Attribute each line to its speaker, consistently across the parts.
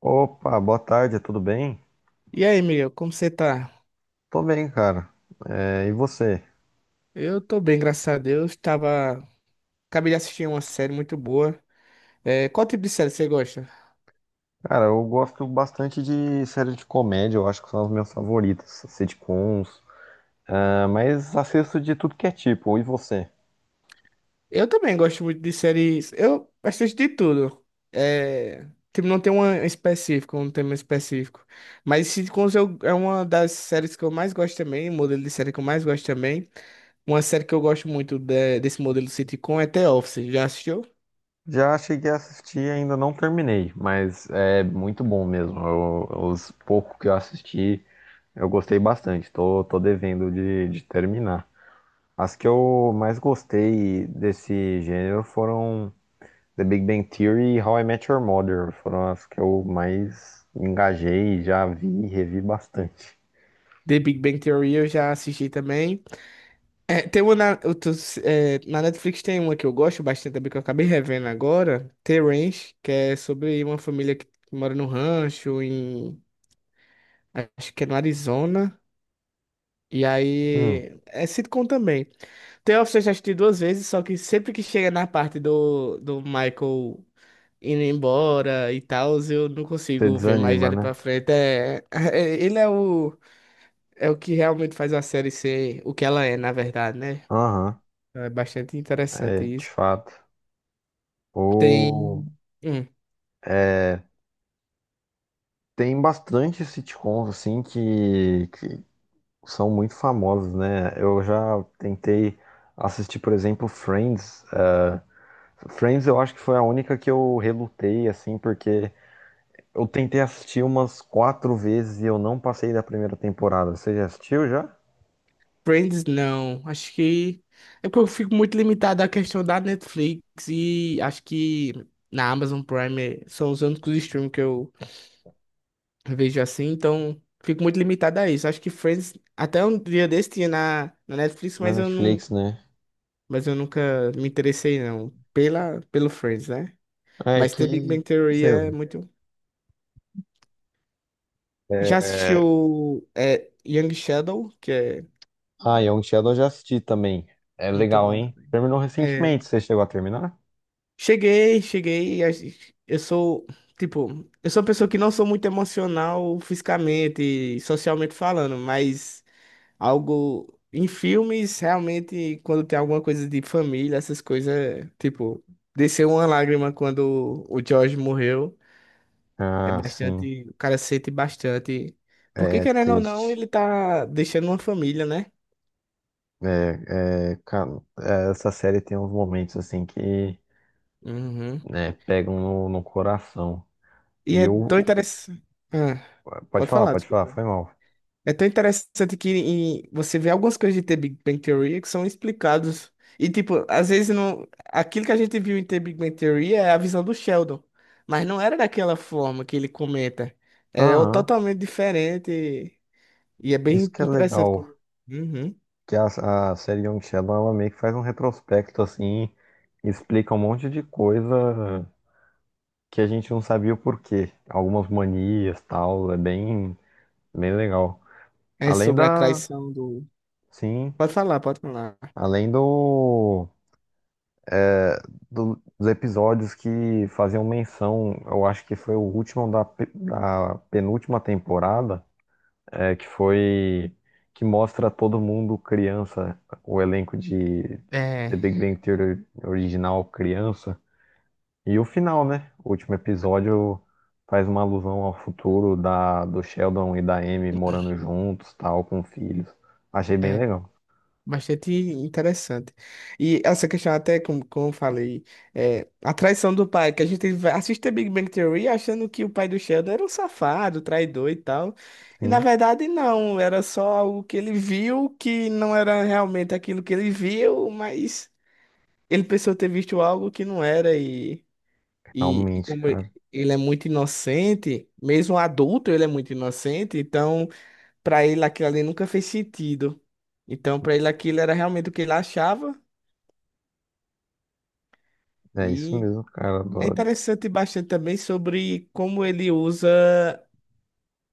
Speaker 1: Opa, boa tarde, tudo bem?
Speaker 2: E aí, Miguel, como você tá?
Speaker 1: Tô bem, cara. É, e você?
Speaker 2: Eu tô bem, graças a Deus. Tava... Acabei de assistir uma série muito boa. É, qual tipo de série você gosta?
Speaker 1: Cara, eu gosto bastante de séries de comédia, eu acho que são as minhas favoritas, sitcoms. Ah, mas assisto de tudo que é tipo, e você?
Speaker 2: Eu também gosto muito de séries. Eu assisto de tudo. É... Tipo, não tem uma específica, um tema específico. Mas Sitcoms eu... é uma das séries que eu mais gosto também, um modelo de série que eu mais gosto também. Uma série que eu gosto muito desse modelo sitcom é The Office. Já assistiu?
Speaker 1: Já cheguei a assistir e ainda não terminei, mas é muito bom mesmo. Os poucos que eu assisti, eu gostei bastante, tô devendo de terminar. As que eu mais gostei desse gênero foram. The Big Bang Theory e How I Met Your Mother foram as que eu mais me engajei, e já vi e revi bastante.
Speaker 2: The Big Bang Theory eu já assisti também. É, tem uma na, eu tô- é, na Netflix tem uma que eu gosto bastante também, que eu acabei revendo agora, The Ranch, que é sobre uma família que mora no rancho, acho que é no Arizona. E
Speaker 1: Hum,
Speaker 2: aí, é sitcom também. The Office eu já assisti duas vezes, só que sempre que chega na parte do Michael indo embora e tal, eu não
Speaker 1: você
Speaker 2: consigo ver mais
Speaker 1: desanima,
Speaker 2: ele
Speaker 1: né?
Speaker 2: pra frente. É, ele é o. É o que realmente faz a série ser o que ela é, na verdade, né?
Speaker 1: Aham,
Speaker 2: É bastante interessante
Speaker 1: é, de
Speaker 2: isso.
Speaker 1: fato. Ou,
Speaker 2: Tem. Hum.
Speaker 1: é, tem bastante sitcoms, assim, que são muito famosos, né? Eu já tentei assistir, por exemplo, Friends. Friends eu acho que foi a única que eu relutei, assim, porque eu tentei assistir umas quatro vezes e eu não passei da primeira temporada. Você já assistiu já?
Speaker 2: Friends, não. Acho que. É porque eu fico muito limitado à questão da Netflix e acho que na Amazon Prime são os únicos streams que eu vejo assim, então fico muito limitado a isso. Acho que Friends, até um dia desse tinha na Netflix,
Speaker 1: Na
Speaker 2: mas eu não.
Speaker 1: Netflix, né?
Speaker 2: Mas eu nunca me interessei, não. Pela, pelo Friends, né?
Speaker 1: É
Speaker 2: Mas
Speaker 1: que.
Speaker 2: The Big Bang Theory
Speaker 1: Sei
Speaker 2: é
Speaker 1: lá.
Speaker 2: muito. Já
Speaker 1: É,
Speaker 2: assistiu é, Young Sheldon, que é
Speaker 1: ah, Young Sheldon eu já assisti também. É
Speaker 2: muito
Speaker 1: legal,
Speaker 2: bom
Speaker 1: hein?
Speaker 2: também.
Speaker 1: Terminou
Speaker 2: É,
Speaker 1: recentemente. Você chegou a terminar?
Speaker 2: Cheguei. Eu sou, tipo, eu sou uma pessoa que não sou muito emocional fisicamente e socialmente falando, mas algo em filmes, realmente, quando tem alguma coisa de família, essas coisas, é, tipo, desceu uma lágrima quando o George morreu. É
Speaker 1: Ah, sim.
Speaker 2: bastante, o cara sente bastante. Porque
Speaker 1: É
Speaker 2: querendo ou não,
Speaker 1: triste.
Speaker 2: ele tá deixando uma família, né?
Speaker 1: É, é, cara, é, essa série tem uns momentos assim que
Speaker 2: Uhum.
Speaker 1: né, pegam no coração.
Speaker 2: E
Speaker 1: E
Speaker 2: é tão
Speaker 1: eu.
Speaker 2: interessante. Ah, Pode falar,
Speaker 1: Pode falar,
Speaker 2: desculpa.
Speaker 1: foi mal.
Speaker 2: É tão interessante que você vê algumas coisas de The Big Bang Theory que são explicados. E, tipo, às vezes não... aquilo que a gente viu em The Big Bang Theory é a visão do Sheldon. Mas não era daquela forma que ele comenta.
Speaker 1: Aham.
Speaker 2: Totalmente diferente. E é bem
Speaker 1: Isso que é
Speaker 2: interessante
Speaker 1: legal.
Speaker 2: como. Uhum.
Speaker 1: Que a série Young Sheldon ela meio que faz um retrospecto assim, e explica um monte de coisa que a gente não sabia o porquê. Algumas manias, tal, é bem, bem legal.
Speaker 2: É
Speaker 1: Além
Speaker 2: sobre a
Speaker 1: da,
Speaker 2: traição do.
Speaker 1: sim,
Speaker 2: Pode falar, pode falar.
Speaker 1: além do, é, do- dos episódios que faziam menção, eu acho que foi o último da penúltima temporada, é, que foi que mostra todo mundo criança, o elenco de The
Speaker 2: É.
Speaker 1: Big Bang Theory original criança. E o final, né? O último episódio faz uma alusão ao futuro da, do Sheldon e da Amy morando juntos, tal, com filhos. Achei bem
Speaker 2: É.
Speaker 1: legal.
Speaker 2: Bastante interessante. E essa questão, até como, como eu falei, é, a traição do pai, que a gente assiste a Big Bang Theory achando que o pai do Sheldon era um safado, traidor e tal. E na
Speaker 1: Sim,
Speaker 2: verdade, não, era só algo que ele viu que não era realmente aquilo que ele viu, mas ele pensou ter visto algo que não era. E
Speaker 1: realmente,
Speaker 2: como
Speaker 1: cara.
Speaker 2: ele é muito inocente, mesmo adulto, ele é muito inocente, então. Pra ele aquilo ali nunca fez sentido. Então, pra ele aquilo era realmente o que ele achava.
Speaker 1: É isso
Speaker 2: E
Speaker 1: mesmo, cara.
Speaker 2: é
Speaker 1: Adoro.
Speaker 2: interessante bastante também sobre como ele usa.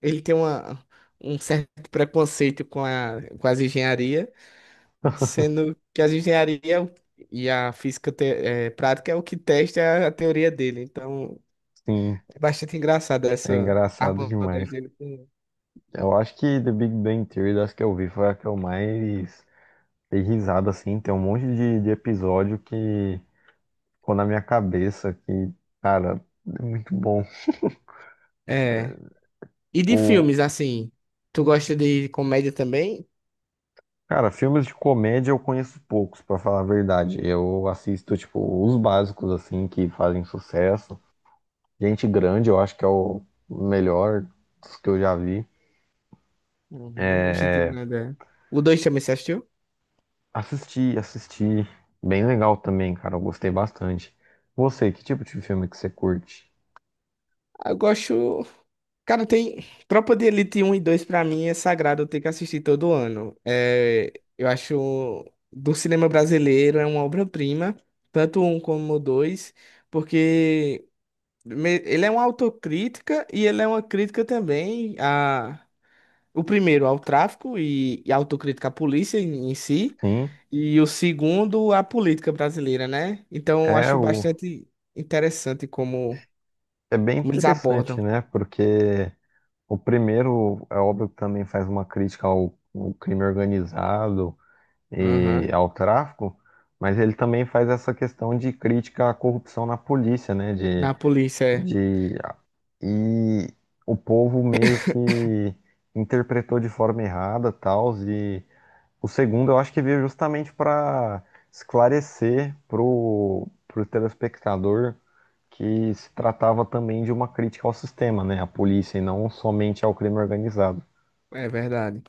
Speaker 2: Ele tem uma, Um certo preconceito com as engenharia, sendo que as engenharia e a física prática é o que testa a teoria dele. Então,
Speaker 1: Sim,
Speaker 2: é bastante engraçado
Speaker 1: é
Speaker 2: essa
Speaker 1: engraçado
Speaker 2: abordagem
Speaker 1: demais.
Speaker 2: dele com.
Speaker 1: Eu acho que The Big Bang Theory, das que eu vi, foi a que eu mais dei risada, assim. Tem um monte de episódio que ficou na minha cabeça, que, cara, é muito bom.
Speaker 2: É. E de
Speaker 1: O,
Speaker 2: filmes, assim, tu gosta de comédia também?
Speaker 1: cara, filmes de comédia eu conheço poucos, pra falar a verdade. Eu assisto, tipo, os básicos, assim, que fazem sucesso. Gente Grande, eu acho que é o melhor dos que eu já vi.
Speaker 2: Uhum, gente indignada. O 2 também você assistiu?
Speaker 1: Assisti, assisti. Bem legal também, cara. Eu gostei bastante. Você, que tipo de filme que você curte?
Speaker 2: Eu gosto. Cara, tem. Tropa de Elite um e dois pra mim é sagrado, eu tenho que assistir todo ano. É... Eu acho. Do cinema brasileiro é uma obra-prima, tanto um como o dois, porque ele é uma autocrítica e ele é uma crítica também a. O primeiro ao tráfico e autocrítica à polícia em si,
Speaker 1: Sim,
Speaker 2: e o segundo à política brasileira, né? Então, eu
Speaker 1: é
Speaker 2: acho
Speaker 1: o...
Speaker 2: bastante interessante como,
Speaker 1: É bem
Speaker 2: como eles
Speaker 1: interessante,
Speaker 2: abordam.
Speaker 1: né? Porque o primeiro é óbvio que também faz uma crítica ao crime organizado e
Speaker 2: Aham.
Speaker 1: ao tráfico, mas ele também faz essa questão de crítica à corrupção na polícia, né?
Speaker 2: Na polícia, é,
Speaker 1: De, e o povo meio que interpretou de forma errada, tal, e o segundo eu acho que veio justamente para esclarecer pro telespectador que se tratava também de uma crítica ao sistema, né? À polícia e não somente ao crime organizado.
Speaker 2: é verdade.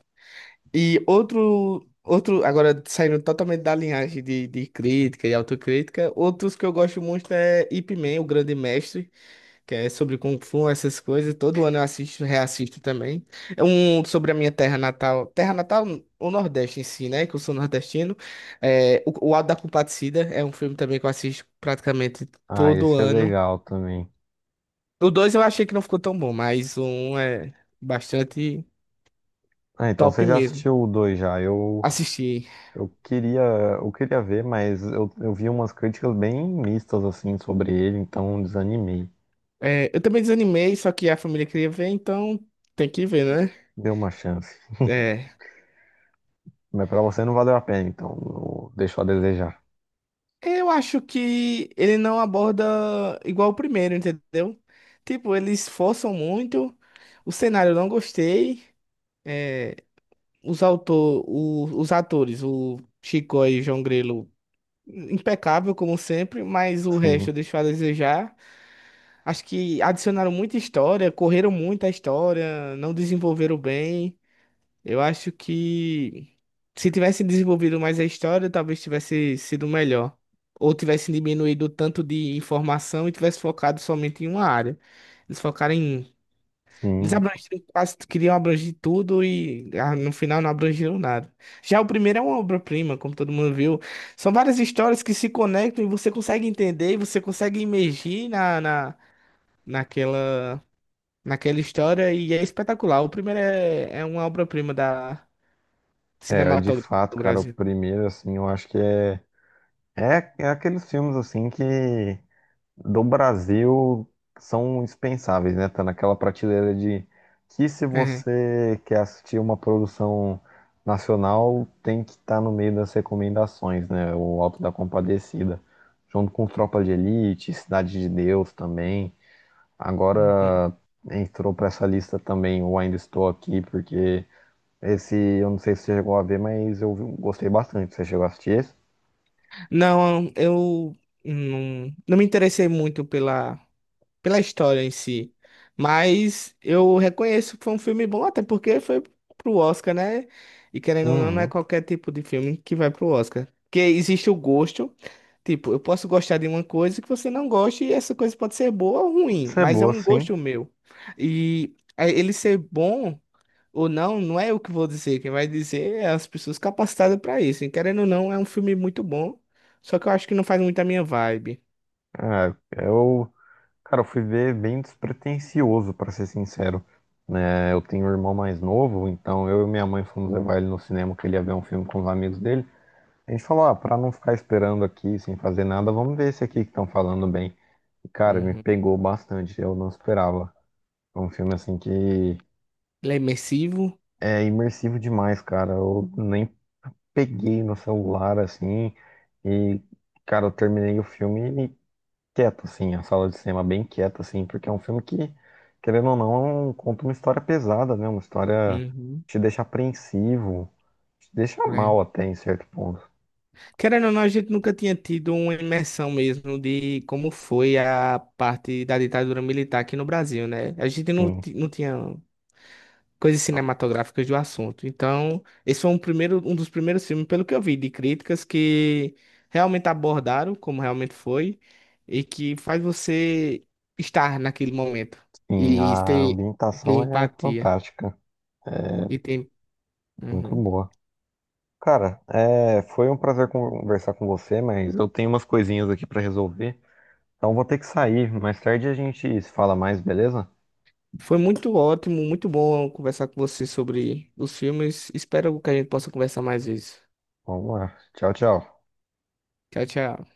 Speaker 2: E outro, agora saindo totalmente da linhagem de crítica e autocrítica, outros que eu gosto muito é Ip Man, o Grande Mestre, que é sobre Kung Fu, essas coisas. Todo ano eu assisto, reassisto também. É um sobre a minha terra natal. Terra natal, o Nordeste em si, né? Que eu sou nordestino. É, o Auto da Compadecida é um filme também que eu assisto praticamente
Speaker 1: Ah,
Speaker 2: todo
Speaker 1: esse é
Speaker 2: ano.
Speaker 1: legal também.
Speaker 2: O dois eu achei que não ficou tão bom, mas o um é bastante
Speaker 1: Ah, então
Speaker 2: top
Speaker 1: você já
Speaker 2: mesmo.
Speaker 1: assistiu o 2 já.
Speaker 2: Assisti.
Speaker 1: Eu queria, eu queria ver, mas eu vi umas críticas bem mistas assim sobre ele, então desanimei.
Speaker 2: É, eu também desanimei, só que a família queria ver, então tem que ver, né?
Speaker 1: Deu uma chance.
Speaker 2: É.
Speaker 1: Mas pra você não valeu a pena, então deixou a desejar.
Speaker 2: Eu acho que ele não aborda igual o primeiro, entendeu? Tipo, eles forçam muito. O cenário eu não gostei. É, os atores, o Chico e João Grilo, impecável como sempre, mas o
Speaker 1: Sim,
Speaker 2: resto deixou a desejar. Acho que adicionaram muita história, correram muito a história, não desenvolveram bem. Eu acho que se tivesse desenvolvido mais a história, talvez tivesse sido melhor. Ou tivesse diminuído o tanto de informação e tivesse focado somente em uma área. Eles focaram em. Eles
Speaker 1: sim.
Speaker 2: abrangeram quase, queriam abranger tudo e ah, no final não abrangeram nada. Já o primeiro é uma obra-prima, como todo mundo viu. São várias histórias que se conectam e você consegue entender e você consegue imergir naquela, história e é espetacular. O primeiro é, é uma obra-prima da
Speaker 1: É, é de
Speaker 2: Cinematográfico
Speaker 1: fato,
Speaker 2: do
Speaker 1: cara, o
Speaker 2: Brasil.
Speaker 1: primeiro, assim, eu acho que é. É, é aqueles filmes assim que do Brasil são indispensáveis, né? Tá naquela prateleira de que se
Speaker 2: É.
Speaker 1: você quer assistir uma produção nacional, tem que estar no meio das recomendações, né? O Alto da Compadecida, junto com Tropa de Elite, Cidade de Deus também.
Speaker 2: Uhum.
Speaker 1: Agora entrou para essa lista também o Ainda Estou Aqui, porque esse eu não sei se você chegou a ver, mas eu gostei bastante. Você chegou a assistir esse?
Speaker 2: Não, eu não, não me interessei muito pela história em si, mas eu reconheço que foi um filme bom, até porque foi pro Oscar, né? E querendo ou não, não é
Speaker 1: Uhum.
Speaker 2: qualquer tipo de filme que vai pro Oscar. Porque existe o gosto, tipo, eu posso gostar de uma coisa que você não goste, e essa coisa pode ser boa ou
Speaker 1: Pode
Speaker 2: ruim,
Speaker 1: ser
Speaker 2: mas é
Speaker 1: boa,
Speaker 2: um
Speaker 1: sim.
Speaker 2: gosto meu. E é, ele ser bom. Ou não, não é eu que vou dizer, quem vai dizer é as pessoas capacitadas pra isso. E querendo ou não, é um filme muito bom, só que eu acho que não faz muito a minha vibe.
Speaker 1: É, eu Cara, eu fui ver bem despretensioso, pra ser sincero. Né? Eu tenho um irmão mais novo, então eu e minha mãe fomos levar ele no cinema, que ele ia ver um filme com os amigos dele. A gente falou, ah, pra não ficar esperando aqui sem fazer nada, vamos ver esse aqui que estão falando bem. E, cara, me
Speaker 2: Uhum.
Speaker 1: pegou bastante, eu não esperava. É um filme, assim, que
Speaker 2: Ele é imersivo.
Speaker 1: é imersivo demais, cara. Eu nem peguei no celular, assim, e, cara, eu terminei o filme quieto, assim, a sala de cinema bem quieta, assim, porque é um filme que, querendo ou não, conta uma história pesada, né? Uma história
Speaker 2: Uhum.
Speaker 1: que te deixa apreensivo, te deixa
Speaker 2: É.
Speaker 1: mal até em certo ponto.
Speaker 2: Querendo ou não, a gente nunca tinha tido uma imersão mesmo de como foi a parte da ditadura militar aqui no Brasil, né? A gente não,
Speaker 1: Sim,
Speaker 2: não tinha coisas cinematográficas do assunto. Então, esse foi um primeiro, um dos primeiros filmes, pelo que eu vi, de críticas que realmente abordaram como realmente foi e que faz você estar naquele momento
Speaker 1: sim,
Speaker 2: e, e
Speaker 1: a
Speaker 2: ter, ter
Speaker 1: ambientação é
Speaker 2: empatia
Speaker 1: fantástica, é
Speaker 2: e ter.
Speaker 1: muito
Speaker 2: Uhum.
Speaker 1: boa. Cara, é, foi um prazer conversar com você, mas eu tenho umas coisinhas aqui pra resolver, então vou ter que sair. Mais tarde a gente se fala mais, beleza?
Speaker 2: Foi muito ótimo, muito bom conversar com você sobre os filmes. Espero que a gente possa conversar mais vezes.
Speaker 1: Vamos lá. Tchau, tchau.
Speaker 2: Tchau, tchau.